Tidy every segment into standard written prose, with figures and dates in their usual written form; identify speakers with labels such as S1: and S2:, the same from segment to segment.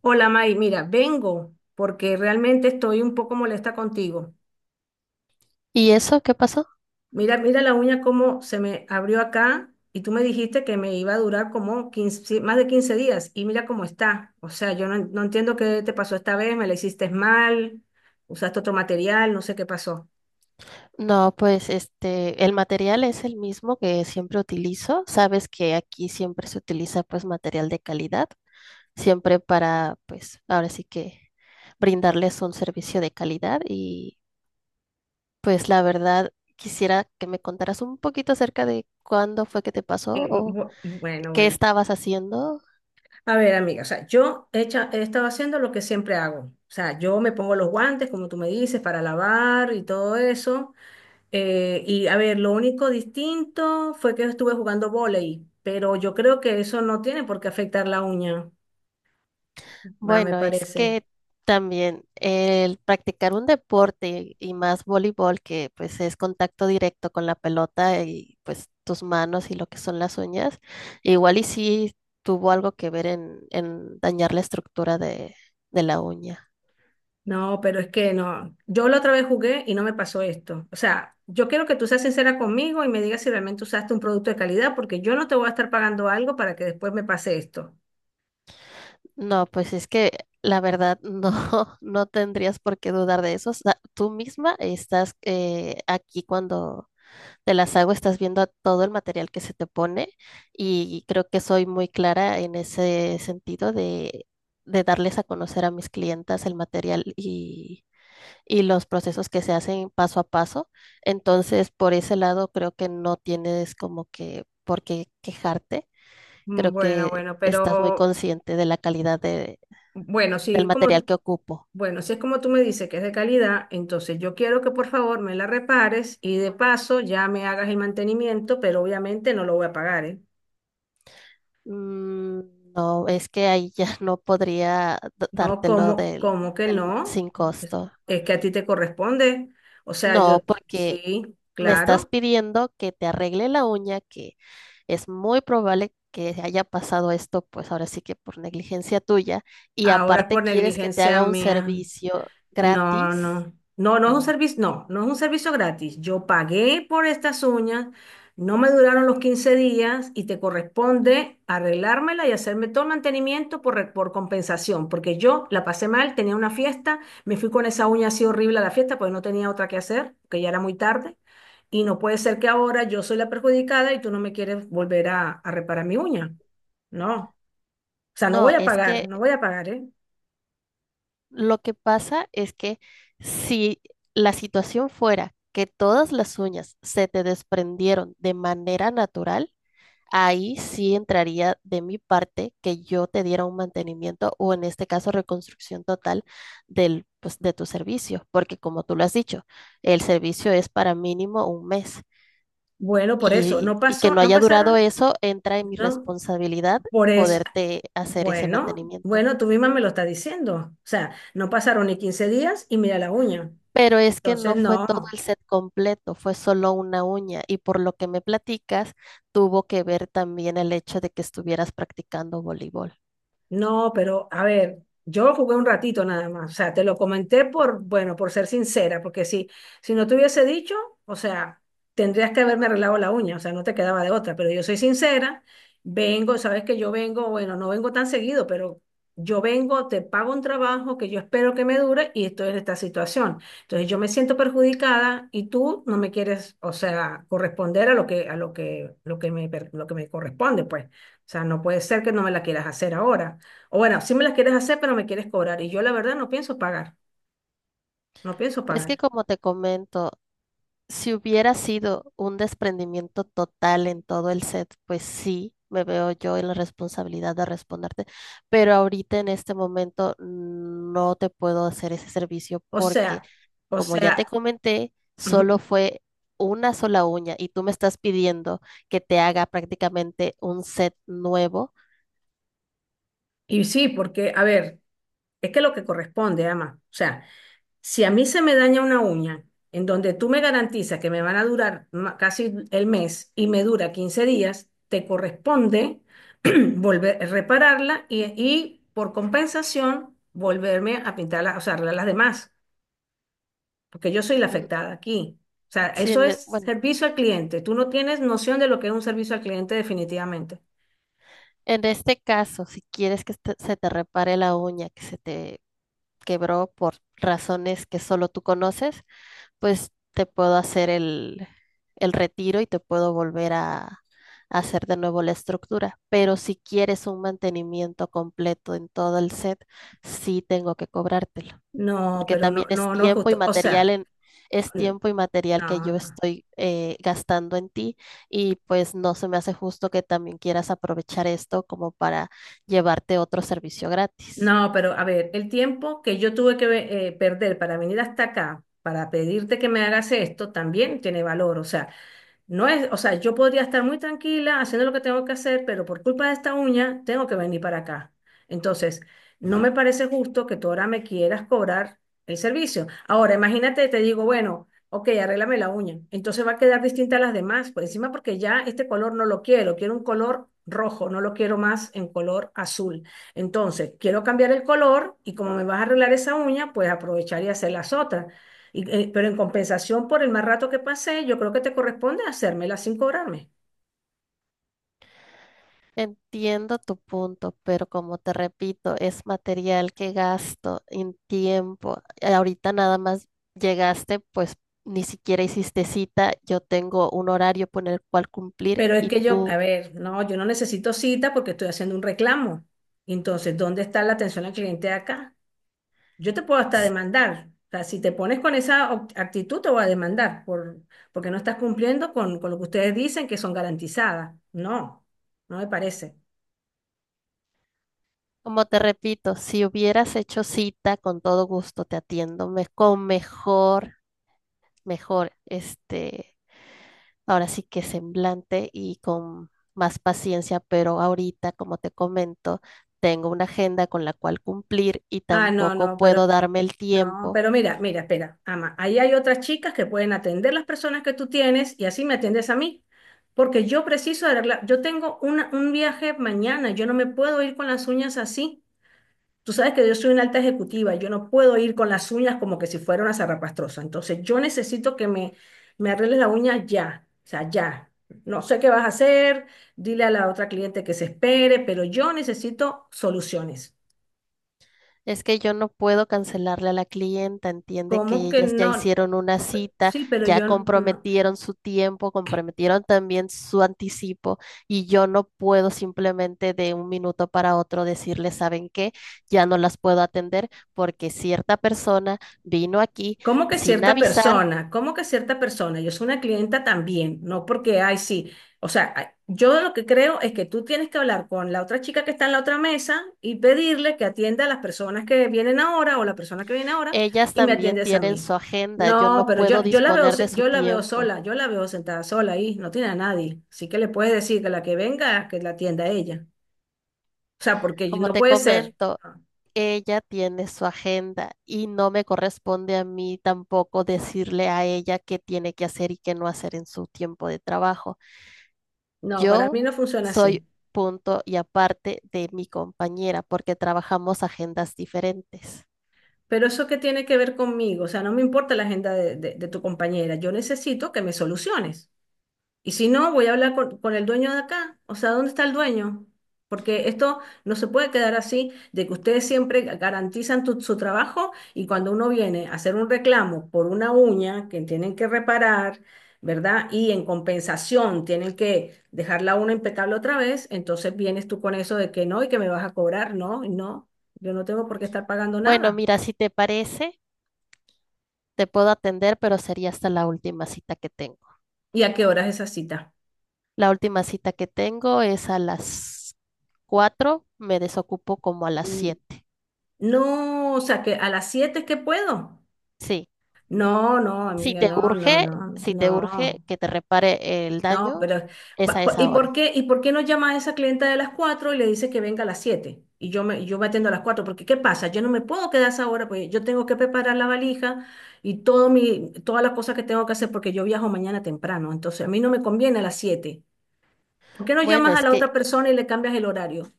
S1: Hola May, mira, vengo porque realmente estoy un poco molesta contigo.
S2: ¿Y eso qué pasó?
S1: Mira, mira la uña como se me abrió acá y tú me dijiste que me iba a durar como 15, sí, más de 15 días y mira cómo está. O sea, yo no, no entiendo qué te pasó esta vez, me la hiciste mal, usaste otro material, no sé qué pasó.
S2: No, pues el material es el mismo que siempre utilizo. Sabes que aquí siempre se utiliza, pues, material de calidad, siempre para, pues, ahora sí que brindarles un servicio de calidad y pues la verdad quisiera que me contaras un poquito acerca de cuándo fue que te pasó o
S1: Bueno,
S2: qué
S1: bueno.
S2: estabas haciendo.
S1: A ver, amiga, o sea, he estado haciendo lo que siempre hago. O sea, yo me pongo los guantes, como tú me dices, para lavar y todo eso. Y a ver, lo único distinto fue que estuve jugando vóley, pero yo creo que eso no tiene por qué afectar la uña, va, me
S2: Bueno, es
S1: parece.
S2: que también el practicar un deporte y más voleibol, que pues es contacto directo con la pelota y pues tus manos y lo que son las uñas, igual y sí tuvo algo que ver en dañar la estructura de la uña.
S1: No, pero es que no. Yo la otra vez jugué y no me pasó esto. O sea, yo quiero que tú seas sincera conmigo y me digas si realmente usaste un producto de calidad, porque yo no te voy a estar pagando algo para que después me pase esto.
S2: No, pues es que la verdad no, no tendrías por qué dudar de eso. O sea, tú misma estás aquí cuando te las hago, estás viendo todo el material que se te pone y creo que soy muy clara en ese sentido de darles a conocer a mis clientas el material y los procesos que se hacen paso a paso. Entonces, por ese lado, creo que no tienes como que por qué quejarte. Creo
S1: Bueno,
S2: que
S1: bueno,
S2: estás muy
S1: pero
S2: consciente de la calidad de-
S1: bueno,
S2: del
S1: sí,
S2: material
S1: como,
S2: que ocupo.
S1: bueno, si es como tú me dices que es de calidad, entonces yo quiero que por favor me la repares y de paso ya me hagas el mantenimiento, pero obviamente no lo voy a pagar, ¿eh?
S2: No, es que ahí ya no podría
S1: No,
S2: dártelo
S1: ¿como,
S2: del,
S1: como que
S2: del-
S1: no?
S2: sin
S1: Es,
S2: costo.
S1: es que a ti te corresponde. O sea, yo,
S2: No, porque
S1: sí,
S2: me estás
S1: claro.
S2: pidiendo que te arregle la uña, que es muy probable que haya pasado esto, pues ahora sí que por negligencia tuya, y
S1: ¿Ahora es
S2: aparte
S1: por
S2: quieres que te
S1: negligencia
S2: haga un
S1: mía?
S2: servicio
S1: No,
S2: gratis.
S1: no, no, no es un
S2: No,
S1: servicio, no, no es un servicio gratis. Yo pagué por estas uñas, no me duraron los 15 días y te corresponde arreglármela y hacerme todo el mantenimiento por, por compensación, porque yo la pasé mal, tenía una fiesta, me fui con esa uña así horrible a la fiesta, pues no tenía otra que hacer, que ya era muy tarde, y no puede ser que ahora yo soy la perjudicada y tú no me quieres volver a reparar mi uña. No, o sea, no
S2: no,
S1: voy a
S2: es
S1: pagar,
S2: que
S1: no voy a pagar, ¿eh?
S2: lo que pasa es que si la situación fuera que todas las uñas se te desprendieron de manera natural, ahí sí entraría de mi parte que yo te diera un mantenimiento o en este caso reconstrucción total del, pues, de tu servicio, porque como tú lo has dicho, el servicio es para mínimo un mes
S1: Bueno, por eso, no
S2: y que
S1: pasó,
S2: no
S1: no
S2: haya durado
S1: pasaron,
S2: eso entra en mi
S1: no.
S2: responsabilidad
S1: Por eso,
S2: poderte hacer ese
S1: bueno,
S2: mantenimiento.
S1: bueno, tú misma me lo estás diciendo. O sea, no pasaron ni 15 días y mira la uña.
S2: Pero es que
S1: Entonces,
S2: no fue todo
S1: no.
S2: el set completo, fue solo una uña y por lo que me platicas, tuvo que ver también el hecho de que estuvieras practicando voleibol.
S1: No, pero a ver, yo lo jugué un ratito nada más. O sea, te lo comenté por, bueno, por ser sincera, porque si, si no te hubiese dicho, o sea, tendrías que haberme arreglado la uña, o sea, no te quedaba de otra, pero yo soy sincera, vengo, sabes que yo vengo, bueno, no vengo tan seguido, pero yo vengo, te pago un trabajo que yo espero que me dure y estoy en esta situación. Entonces yo me siento perjudicada y tú no me quieres, o sea, corresponder a lo que me, lo que me corresponde, pues. O sea, no puede ser que no me la quieras hacer ahora. O bueno, sí me las quieres hacer, pero me quieres cobrar. Y yo la verdad no pienso pagar, no pienso
S2: Es
S1: pagar.
S2: que como te comento, si hubiera sido un desprendimiento total en todo el set, pues sí, me veo yo en la responsabilidad de responderte, pero ahorita en este momento no te puedo hacer ese servicio
S1: O
S2: porque,
S1: sea, o
S2: como ya te
S1: sea,
S2: comenté, solo
S1: ujú.
S2: fue una sola uña y tú me estás pidiendo que te haga prácticamente un set nuevo.
S1: Y sí, porque, a ver, es que lo que corresponde, ama. O sea, si a mí se me daña una uña en donde tú me garantizas que me van a durar casi el mes y me dura 15 días, te corresponde volver, repararla y por compensación volverme a pintarla, o sea, arreglar las demás. Porque yo soy la
S2: Mm,
S1: afectada aquí. O sea,
S2: si
S1: eso
S2: en
S1: es
S2: e- bueno,
S1: servicio al cliente. Tú no tienes noción de lo que es un servicio al cliente definitivamente.
S2: en este caso, si quieres que este- se te repare la uña que se te quebró por razones que solo tú conoces, pues te puedo hacer el retiro y te puedo volver a hacer de nuevo la estructura. Pero si quieres un mantenimiento completo en todo el set, sí tengo que cobrártelo.
S1: No,
S2: Porque
S1: pero no,
S2: también es
S1: no, no es
S2: tiempo y
S1: justo. O
S2: material
S1: sea,
S2: en, es
S1: n-
S2: tiempo y material que
S1: no,
S2: yo
S1: no.
S2: estoy gastando en ti y pues no se me hace justo que también quieras aprovechar esto como para llevarte otro servicio gratis.
S1: No, pero a ver, el tiempo que yo tuve que perder para venir hasta acá, para pedirte que me hagas esto, también tiene valor. O sea, no es, o sea, yo podría estar muy tranquila haciendo lo que tengo que hacer, pero por culpa de esta uña tengo que venir para acá. Entonces, no me parece justo que tú ahora me quieras cobrar el servicio. Ahora, imagínate, te digo, bueno, ok, arréglame la uña. Entonces va a quedar distinta a las demás, por encima porque ya este color no lo quiero, quiero un color rojo, no lo quiero más en color azul. Entonces, quiero cambiar el color y como me vas a arreglar esa uña, pues aprovechar y hacer las otras. Y, pero en compensación por el mal rato que pasé, yo creo que te corresponde hacérmela sin cobrarme.
S2: Entiendo tu punto, pero como te repito, es material que gasto en tiempo. Ahorita nada más llegaste, pues ni siquiera hiciste cita, yo tengo un horario por el cual cumplir
S1: Pero es
S2: y
S1: que yo, a
S2: tú...
S1: ver, no, yo no necesito cita porque estoy haciendo un reclamo. Entonces, ¿dónde está la atención al cliente acá? Yo te puedo hasta demandar. O sea, si te pones con esa actitud, te voy a demandar por, porque no estás cumpliendo con lo que ustedes dicen que son garantizadas. No, no me parece.
S2: Como te repito, si hubieras hecho cita, con todo gusto te atiendo con mejor, mejor, ahora sí que semblante y con más paciencia, pero ahorita, como te comento, tengo una agenda con la cual cumplir y
S1: Ah, no,
S2: tampoco
S1: no, pero
S2: puedo darme el
S1: no,
S2: tiempo.
S1: pero mira, mira, espera, ama, ahí hay otras chicas que pueden atender las personas que tú tienes y así me atiendes a mí, porque yo preciso arreglar, yo tengo un viaje mañana, yo no me puedo ir con las uñas así. Tú sabes que yo soy una alta ejecutiva, yo no puedo ir con las uñas como que si fuera una zarrapastrosa, entonces yo necesito que me arregles la uña ya, o sea, ya. No sé qué vas a hacer, dile a la otra cliente que se espere, pero yo necesito soluciones.
S2: Es que yo no puedo cancelarle a la clienta, entiende
S1: ¿Cómo
S2: que
S1: que
S2: ellas ya
S1: no?
S2: hicieron una cita,
S1: Sí, pero
S2: ya
S1: yo no.
S2: comprometieron su tiempo, comprometieron también su anticipo y yo no puedo simplemente de un minuto para otro decirle, ¿saben qué? Ya no las puedo atender porque cierta persona vino aquí
S1: ¿Cómo que
S2: sin
S1: cierta
S2: avisar,
S1: persona? ¿Cómo que cierta persona? Yo soy una clienta también, no porque, ay, sí. O sea, ay, yo lo que creo es que tú tienes que hablar con la otra chica que está en la otra mesa y pedirle que atienda a las personas que vienen ahora o la persona que viene ahora
S2: ellas
S1: y me
S2: también
S1: atiendes a
S2: tienen
S1: mí.
S2: su agenda, yo
S1: No,
S2: no
S1: pero
S2: puedo
S1: yo la veo,
S2: disponer de su
S1: yo la veo
S2: tiempo.
S1: sola, yo la veo sentada sola ahí, no tiene a nadie. Así que le puedes decir que la que venga, que la atienda a ella. O sea, porque
S2: Como
S1: no
S2: te
S1: puede ser.
S2: comento, ella tiene su agenda y no me corresponde a mí tampoco decirle a ella qué tiene que hacer y qué no hacer en su tiempo de trabajo.
S1: No, para
S2: Yo
S1: mí no funciona
S2: soy
S1: así.
S2: punto y aparte de mi compañera porque trabajamos agendas diferentes.
S1: Pero eso qué tiene que ver conmigo, o sea, no me importa la agenda de, de tu compañera, yo necesito que me soluciones. Y si no, voy a hablar con el dueño de acá, o sea, ¿dónde está el dueño? Porque esto no se puede quedar así, de que ustedes siempre garantizan su trabajo y cuando uno viene a hacer un reclamo por una uña que tienen que reparar, ¿verdad? Y en compensación tienen que dejar la uña impecable otra vez, entonces vienes tú con eso de que no y que me vas a cobrar, no, y no, yo no tengo por qué estar pagando
S2: Bueno,
S1: nada.
S2: mira, si te parece, te puedo atender, pero sería hasta la última cita que tengo.
S1: ¿Y a qué hora es esa cita?
S2: La última cita que tengo es a las 4. Me desocupo como a las
S1: Mm,
S2: 7.
S1: No, o sea, que a las 7 es que puedo.
S2: Sí,
S1: No, no,
S2: si
S1: amiga,
S2: te
S1: no, no,
S2: urge,
S1: no,
S2: si te urge
S1: no,
S2: que te repare el
S1: no,
S2: daño,
S1: pero
S2: es a esa hora.
S1: y por qué no llama a esa clienta de las 4 y le dice que venga a las 7? Y yo me atiendo a las 4 porque ¿qué pasa? Yo no me puedo quedar a esa hora, pues yo tengo que preparar la valija y todo mi, todas las cosas que tengo que hacer porque yo viajo mañana temprano, entonces a mí no me conviene a las 7. ¿Por qué no
S2: Bueno,
S1: llamas a
S2: es
S1: la
S2: que
S1: otra persona y le cambias el horario?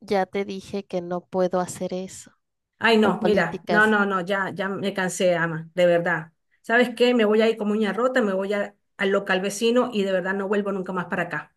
S2: ya te dije que no puedo hacer eso
S1: Ay,
S2: por
S1: no, mira, no,
S2: políticas.
S1: no, no, ya, ya me cansé, ama, de verdad. ¿Sabes qué? Me voy a ir como uña rota, al local vecino y de verdad no vuelvo nunca más para acá.